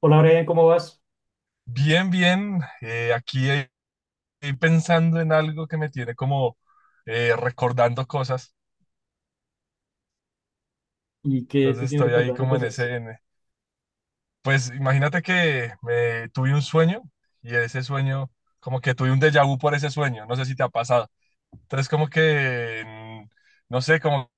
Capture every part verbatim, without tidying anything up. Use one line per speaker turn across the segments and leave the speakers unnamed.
Hola, Brian, ¿cómo vas?
Bien, bien. Eh, aquí eh, estoy pensando en algo que me tiene como eh, recordando cosas.
¿Y qué
Entonces
te tienes
estoy ahí
recordando
como en
cosas?
ese... en- pues imagínate que me tuve un sueño y ese sueño, como que tuve un déjà vu por ese sueño. No sé si te ha pasado. Entonces como que, mm, no sé, como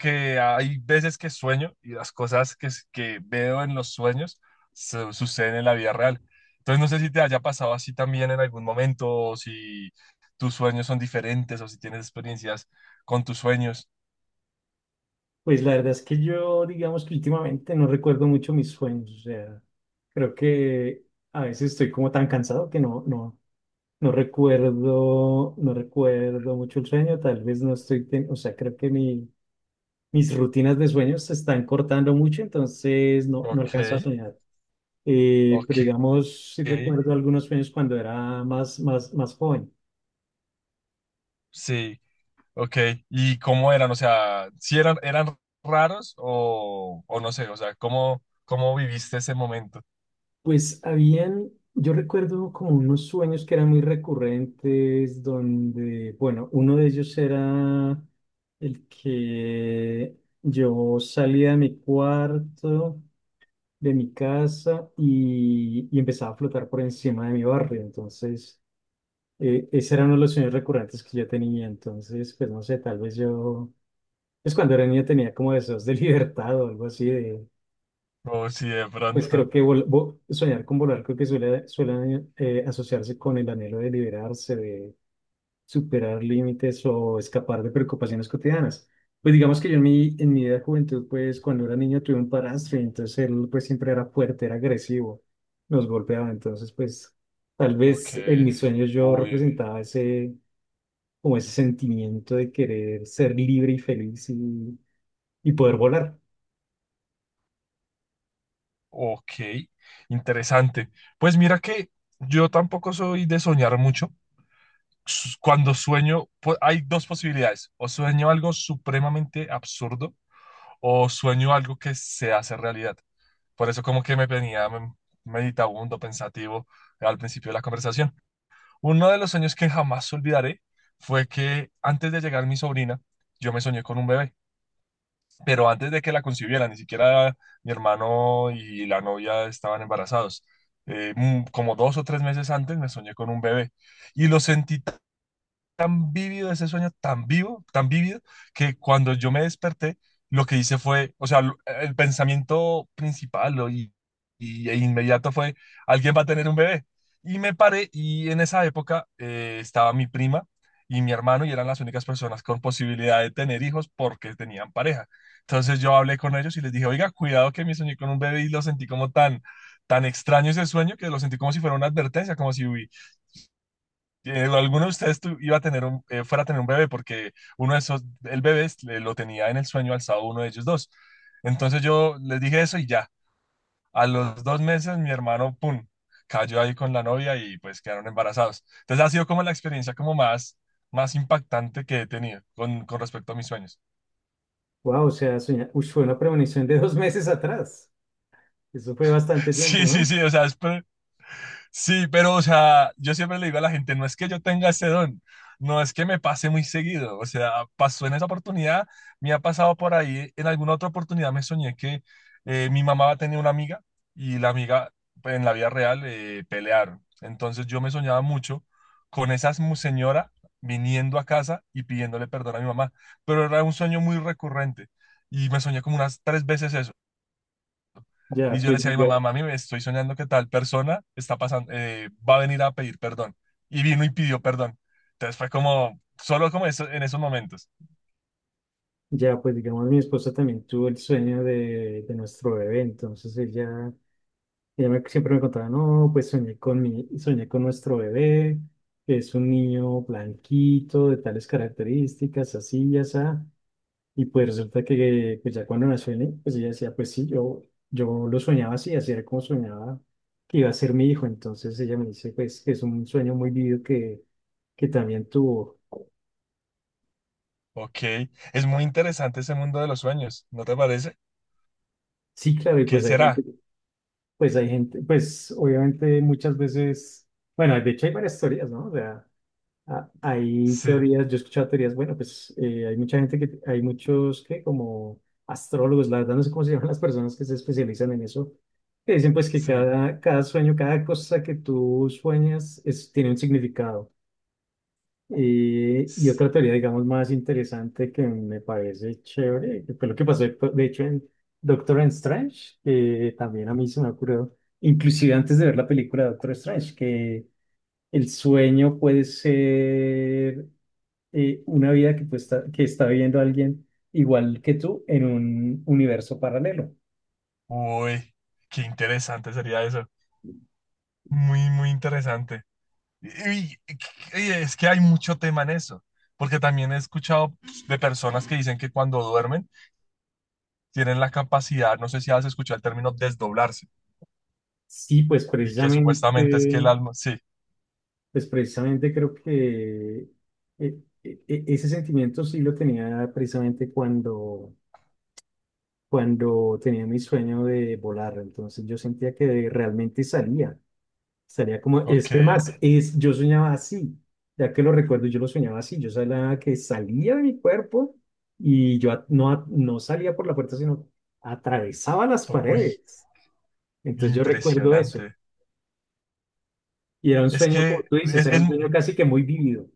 que hay veces que sueño y las cosas que, s- que veo en los sueños su- suceden en la vida real. Entonces no sé si te haya pasado así también en algún momento, o si tus sueños son diferentes, o si tienes experiencias con tus sueños.
Pues la verdad es que yo, digamos que últimamente no recuerdo mucho mis sueños. O sea, creo que a veces estoy como tan cansado que no, no, no recuerdo, no recuerdo mucho el sueño. Tal vez no estoy, ten- o sea, creo que mi, mis rutinas de sueños se están cortando mucho, entonces no, no
Ok,
alcanzo a soñar. Eh, pero
ok,
digamos, sí recuerdo algunos sueños cuando era más, más, más joven.
sí, ok. ¿Y cómo eran? O sea, si eran, eran raros o, o no sé, o sea, ¿cómo, cómo viviste ese momento?
Pues habían, yo recuerdo como unos sueños que eran muy recurrentes, donde, bueno, uno de ellos era el que yo salía de mi cuarto, de mi casa y, y empezaba a flotar por encima de mi barrio. Entonces, eh, ese era uno de los sueños recurrentes que yo tenía. Entonces, pues no sé, tal vez yo, pues cuando era niño tenía como deseos de libertad o algo así.
O si de
Pues
pronto,
creo que vol- vo- soñar con volar creo que suele, suele eh, asociarse con el anhelo de liberarse, de superar límites o escapar de preocupaciones cotidianas. Pues digamos que yo en mi, en mi vida de juventud, pues cuando era niño tuve un padrastro y entonces él pues siempre era fuerte, era agresivo, nos golpeaba. Entonces pues tal
ok,
vez en mis sueños yo
uy.
representaba ese, como ese sentimiento de querer ser libre y feliz y, y poder volar.
Ok, interesante. Pues mira que yo tampoco soy de soñar mucho. S- Cuando sueño, pu- hay dos posibilidades. O sueño algo supremamente absurdo o sueño algo que se hace realidad. Por eso como que me venía mm, meditabundo, pensativo al principio de la conversación. Uno de los sueños que jamás olvidaré fue que antes de llegar mi sobrina, yo me soñé con un bebé, pero antes de que la concibiera, ni siquiera mi hermano y la novia estaban embarazados. Eh, mm, como dos o tres meses antes me soñé con un bebé y lo sentí tan vívido ese sueño, tan vivo, tan vívido, que cuando yo me desperté, lo que hice fue, o sea, lo- eh, el pensamiento principal o y, y- e inmediato fue, alguien va a tener un bebé. Y me paré, y en esa época eh, estaba mi prima y mi hermano y eran las únicas personas con posibilidad de tener hijos porque tenían pareja. Entonces yo hablé con ellos y les dije, oiga, cuidado que me soñé con un bebé y lo sentí como tan, tan extraño ese sueño, que lo sentí como si fuera una advertencia, como si hubi- eh, alguno de ustedes tu- iba a tener un, eh, fuera a tener un bebé, porque uno de esos, el bebé es- le- lo tenía en el sueño alzado uno de ellos dos. Entonces yo les dije eso y ya, a los dos meses mi hermano, pum, cayó ahí con la novia y pues quedaron embarazados. Entonces ha sido como la experiencia como más, más impactante que he tenido con, con respecto a mis sueños.
Wow, o sea, soñar, uy, fue una premonición de dos meses atrás. Eso fue bastante tiempo,
Sí, sí,
¿no?
sí, o sea, es, sí, pero, o sea, yo siempre le digo a la gente, no es que yo tenga ese don, no es que me pase muy seguido, o sea, pasó en esa oportunidad. Me ha pasado por ahí, en alguna otra oportunidad me soñé que eh, mi mamá tenía una amiga y la amiga pues, en la vida real eh, pelearon. Entonces yo me soñaba mucho con esa mu- señora viniendo a casa y pidiéndole perdón a mi mamá, pero era un sueño muy recurrente y me soñé como unas tres veces eso. Y
Ya,
yo le
pues,
decía a mi mamá,
diga-
mami, me estoy soñando que tal persona está pasando, eh, va a venir a pedir perdón. Y vino y pidió perdón. Entonces fue como, solo como eso, en esos momentos.
ya, pues digamos, mi esposa también tuvo el sueño de, de nuestro bebé, entonces ella, ella me- siempre me contaba, no, pues soñé con mi, soñé con nuestro bebé, es un niño blanquito, de tales características, así y así, y pues resulta que pues ya cuando nació el niño, pues ella decía, pues sí, yo, yo lo soñaba así, así era como soñaba que iba a ser mi hijo, entonces ella me dice, pues, que es un sueño muy vivido que, que también tuvo.
Ok, es muy interesante ese mundo de los sueños, ¿no te parece?
Sí, claro, y
¿Qué
pues hay gente,
será?
pues hay gente, pues obviamente muchas veces, bueno, de hecho hay varias teorías, ¿no? O sea, a- hay
Sí,
teorías, yo he escuchado teorías, bueno, pues eh, hay mucha gente que, hay muchos que como astrólogos, la verdad no sé cómo se llaman las personas que se especializan en eso, que dicen pues que
sí.
cada, cada sueño, cada cosa que tú sueñas es, tiene un significado. Y, y
s-
otra teoría, digamos, más interesante que me parece chévere, que fue lo que pasó, de hecho, en Doctor Strange, que también a mí se me ocurrió, inclusive antes de ver la película de Doctor Strange, que el sueño puede ser eh, una vida que, pues, está, que está viviendo alguien igual que tú en un universo paralelo.
Uy, qué interesante sería eso. Muy, muy interesante. Y, y- y es que hay mucho tema en eso, porque también he escuchado pues, de personas que dicen que cuando duermen tienen la capacidad, no sé si has escuchado el término desdoblarse.
Sí, pues
Y que supuestamente es que el
precisamente
alma, sí,
pues precisamente creo que eh, eh, eh, ese sentimiento sí lo tenía precisamente cuando, cuando tenía mi sueño de volar. Entonces yo sentía que realmente salía. Salía como, es
ok,
que más, es, yo soñaba así. Ya que lo recuerdo, yo lo soñaba así. Yo sabía que salía de mi cuerpo y yo a- no, a- no salía por la puerta, sino atravesaba las
por- uy,
paredes. Entonces yo recuerdo eso.
impresionante.
Y era un
Es
sueño, como
que,
tú dices,
es,
era
es-
un sueño casi que muy vívido.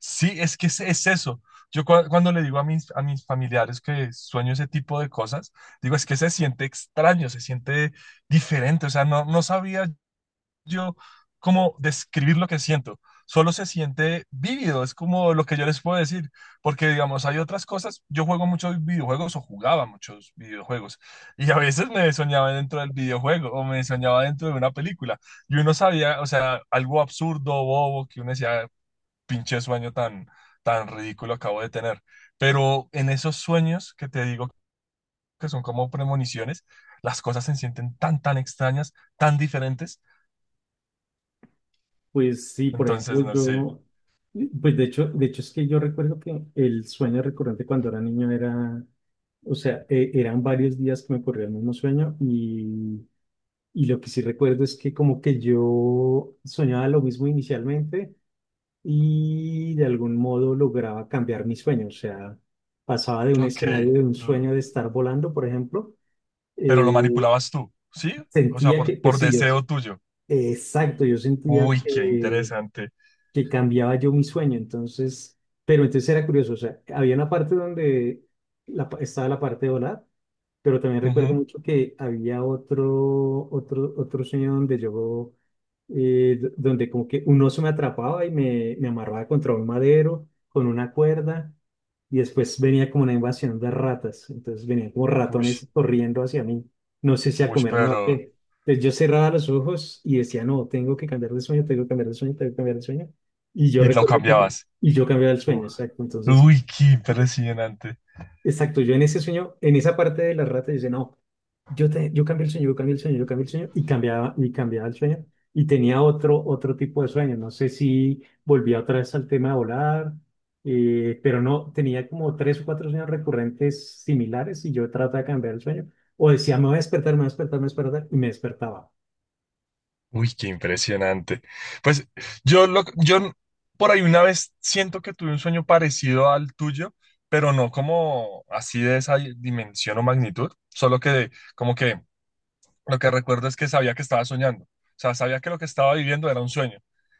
Sí, es que es, es eso. Yo cua- cuando le digo a mis, a mis familiares que sueño ese tipo de cosas, digo, es que se siente extraño, se siente diferente. O sea, no, no sabía yo cómo describir lo que siento. Solo se siente vívido, es como lo que yo les puedo decir, porque digamos, hay otras cosas, yo juego muchos videojuegos o jugaba muchos videojuegos, y a veces me soñaba dentro del videojuego o me soñaba dentro de una película, y uno sabía, o sea, algo absurdo, bobo, que uno decía, pinche sueño tan, tan ridículo acabo de tener. Pero en esos sueños que te digo que son como premoniciones, las cosas se sienten tan, tan extrañas, tan diferentes.
Pues sí, por
Entonces,
ejemplo,
no sé,
yo, pues de hecho, de hecho es que yo recuerdo que el sueño recurrente cuando era niño era, o sea, e- eran varios días que me ocurría el mismo sueño y, y lo que sí recuerdo es que como que yo soñaba lo mismo inicialmente y de algún modo lograba cambiar mi sueño, o sea, pasaba de un
ok,
escenario de un
l-
sueño de estar volando, por ejemplo,
pero
eh,
lo manipulabas tú, ¿sí? O sea,
sentía
por,
que, pues
por
sí, yo,
deseo tuyo.
exacto, yo sentía
Uy, qué
que
interesante.
que cambiaba yo mi sueño. Entonces, pero entonces era curioso, o sea, había una parte donde la pa- estaba la parte de volar, pero también recuerdo
Ujú.
mucho que había otro, otro, otro sueño donde yo eh, d- donde como que un oso me atrapaba y me, me amarraba contra un madero con una cuerda y después venía como una invasión de ratas, entonces venían como
Ush,
ratones corriendo hacia mí, no sé si a
ush,
comerme o a
pero...
qué. Entonces yo cerraba los ojos y decía, no, tengo que cambiar de sueño, tengo que cambiar de sueño, tengo que cambiar de sueño. Y yo
Y lo
recuerdo que,
cambiabas.
y yo cambiaba el sueño,
Uh,
exacto. Entonces
Uy, qué impresionante.
exacto, yo en ese sueño, en esa parte de la rata, dice, no, yo, te, yo cambié el sueño, yo cambié el sueño, yo cambié el sueño, y cambiaba, y cambiaba el sueño, y tenía otro, otro tipo de sueño, no sé si volvía otra vez al tema de volar, eh, pero no, tenía como tres o cuatro sueños recurrentes similares, y yo trataba de cambiar el sueño, o decía, me voy a despertar, me voy a despertar, me voy a despertar, y me despertaba.
Uy, qué impresionante. Pues yo, lo, yo por ahí una vez siento que tuve un sueño parecido al tuyo, pero no como así de esa dimensión o magnitud, solo que como que lo que recuerdo es que sabía que estaba soñando. O sea, sabía que lo que estaba viviendo era un sueño.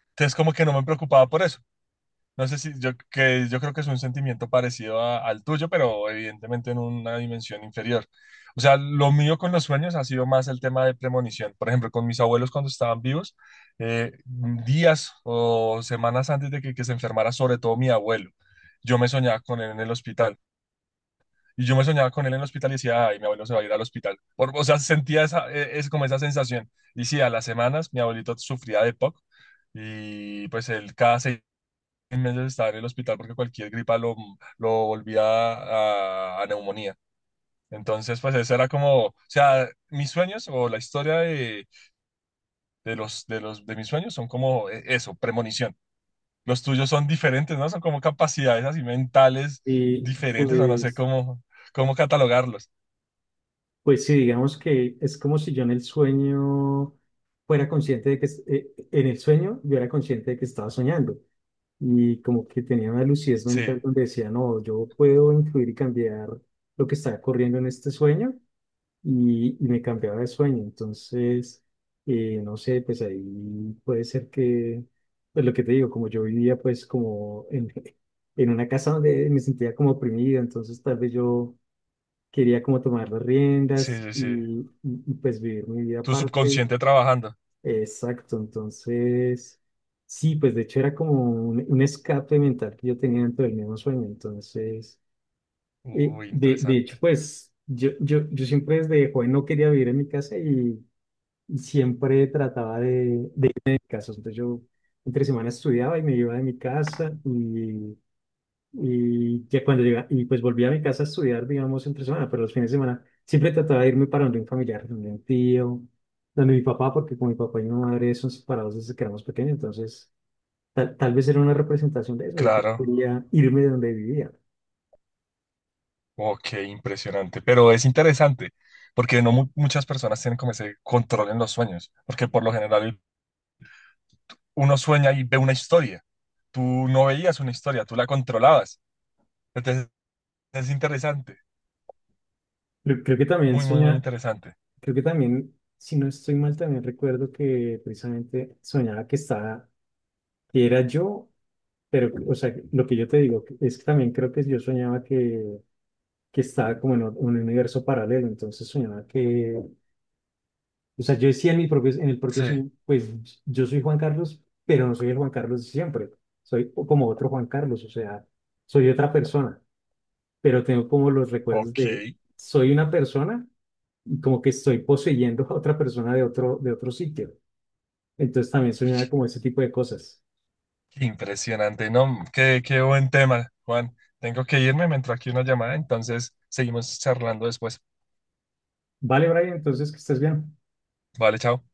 Entonces como que no me preocupaba por eso. No sé si yo, que yo creo que es un sentimiento parecido a- al tuyo, pero evidentemente en una dimensión inferior. O sea, lo mío con los sueños ha sido más el tema de premonición. Por ejemplo, con mis abuelos cuando estaban vivos, eh, días o semanas antes de que, que se enfermara, sobre todo mi abuelo, yo me soñaba con él en el hospital. Y yo me soñaba con él en el hospital y decía, ay, mi abuelo se va a ir al hospital. Por- o sea, sentía esa, eh, es como esa sensación. Y sí, a las semanas mi abuelito sufría de P O C, y pues él cada seis en meses estaba en el hospital porque cualquier gripa lo, lo volvía a, a neumonía. Entonces, pues eso era como, o sea, mis sueños o la historia de, de los, de los, de mis sueños son como eh, eso, premonición. Los tuyos son diferentes, ¿no? Son como capacidades así mentales
Y
diferentes, o no sé
pues,
cómo, cómo catalogarlos.
pues sí, digamos que es como si yo en el sueño fuera consciente de que, es- eh, en el sueño yo era consciente de que estaba soñando y como que tenía una lucidez
Sí,
mental donde decía, no, yo puedo influir y cambiar lo que está corriendo en este sueño y, y me cambiaba de sueño. Entonces, eh, no sé, pues ahí puede ser que, pues lo que te digo, como yo vivía pues como en, en una casa donde me sentía como oprimido, entonces tal vez yo quería como tomar las
sí,
riendas
sí,
y,
sí.
y- y, pues vivir mi vida
Tu
aparte.
subconsciente trabajando.
Exacto, entonces, sí, pues de hecho era como un, un escape mental que yo tenía dentro del mismo sueño, entonces, eh,
Uy,
de, de hecho,
interesante.
pues yo, yo, yo siempre desde joven no quería vivir en mi casa y, y siempre trataba de, de irme de mi casa, entonces yo entre semana estudiaba y me iba de mi casa y y ya cuando llega, y pues volví a mi casa a estudiar, digamos, entre semana, pero los fines de semana siempre trataba de irme para donde un familiar, donde un tío, donde mi papá, porque con mi papá y mi madre son separados desde que éramos pequeños, entonces tal, tal vez era una representación de eso, de que
Claro.
quería irme de donde vivía.
Ok, impresionante, pero es interesante porque no mu- muchas personas tienen como ese control en los sueños, porque por lo general uno sueña y ve una historia. Tú no veías una historia, tú la controlabas. Entonces es interesante,
Creo, creo que también
muy, muy, muy
soñaba,
interesante.
creo que también, si no estoy mal, también recuerdo que precisamente soñaba que estaba, que era yo, pero, o sea, lo que yo te digo que- es que también creo que yo soñaba que, que estaba como en o- un universo paralelo, entonces soñaba que, o sea, yo decía en mi propio, en el propio
Sí,
sueño, pues yo soy Juan Carlos, pero no soy el Juan Carlos de siempre, soy o- como otro Juan Carlos, o sea, soy otra persona, pero tengo como los
ok,
recuerdos de,
qué
soy una persona como que estoy poseyendo a otra persona de otro, de otro sitio. Entonces también soñaba como ese tipo de cosas.
impresionante, ¿no? Qué, qué buen tema, Juan. Tengo que irme, me entró aquí una llamada, entonces seguimos charlando después.
Vale, Brian, entonces que estés bien.
Vale, chao.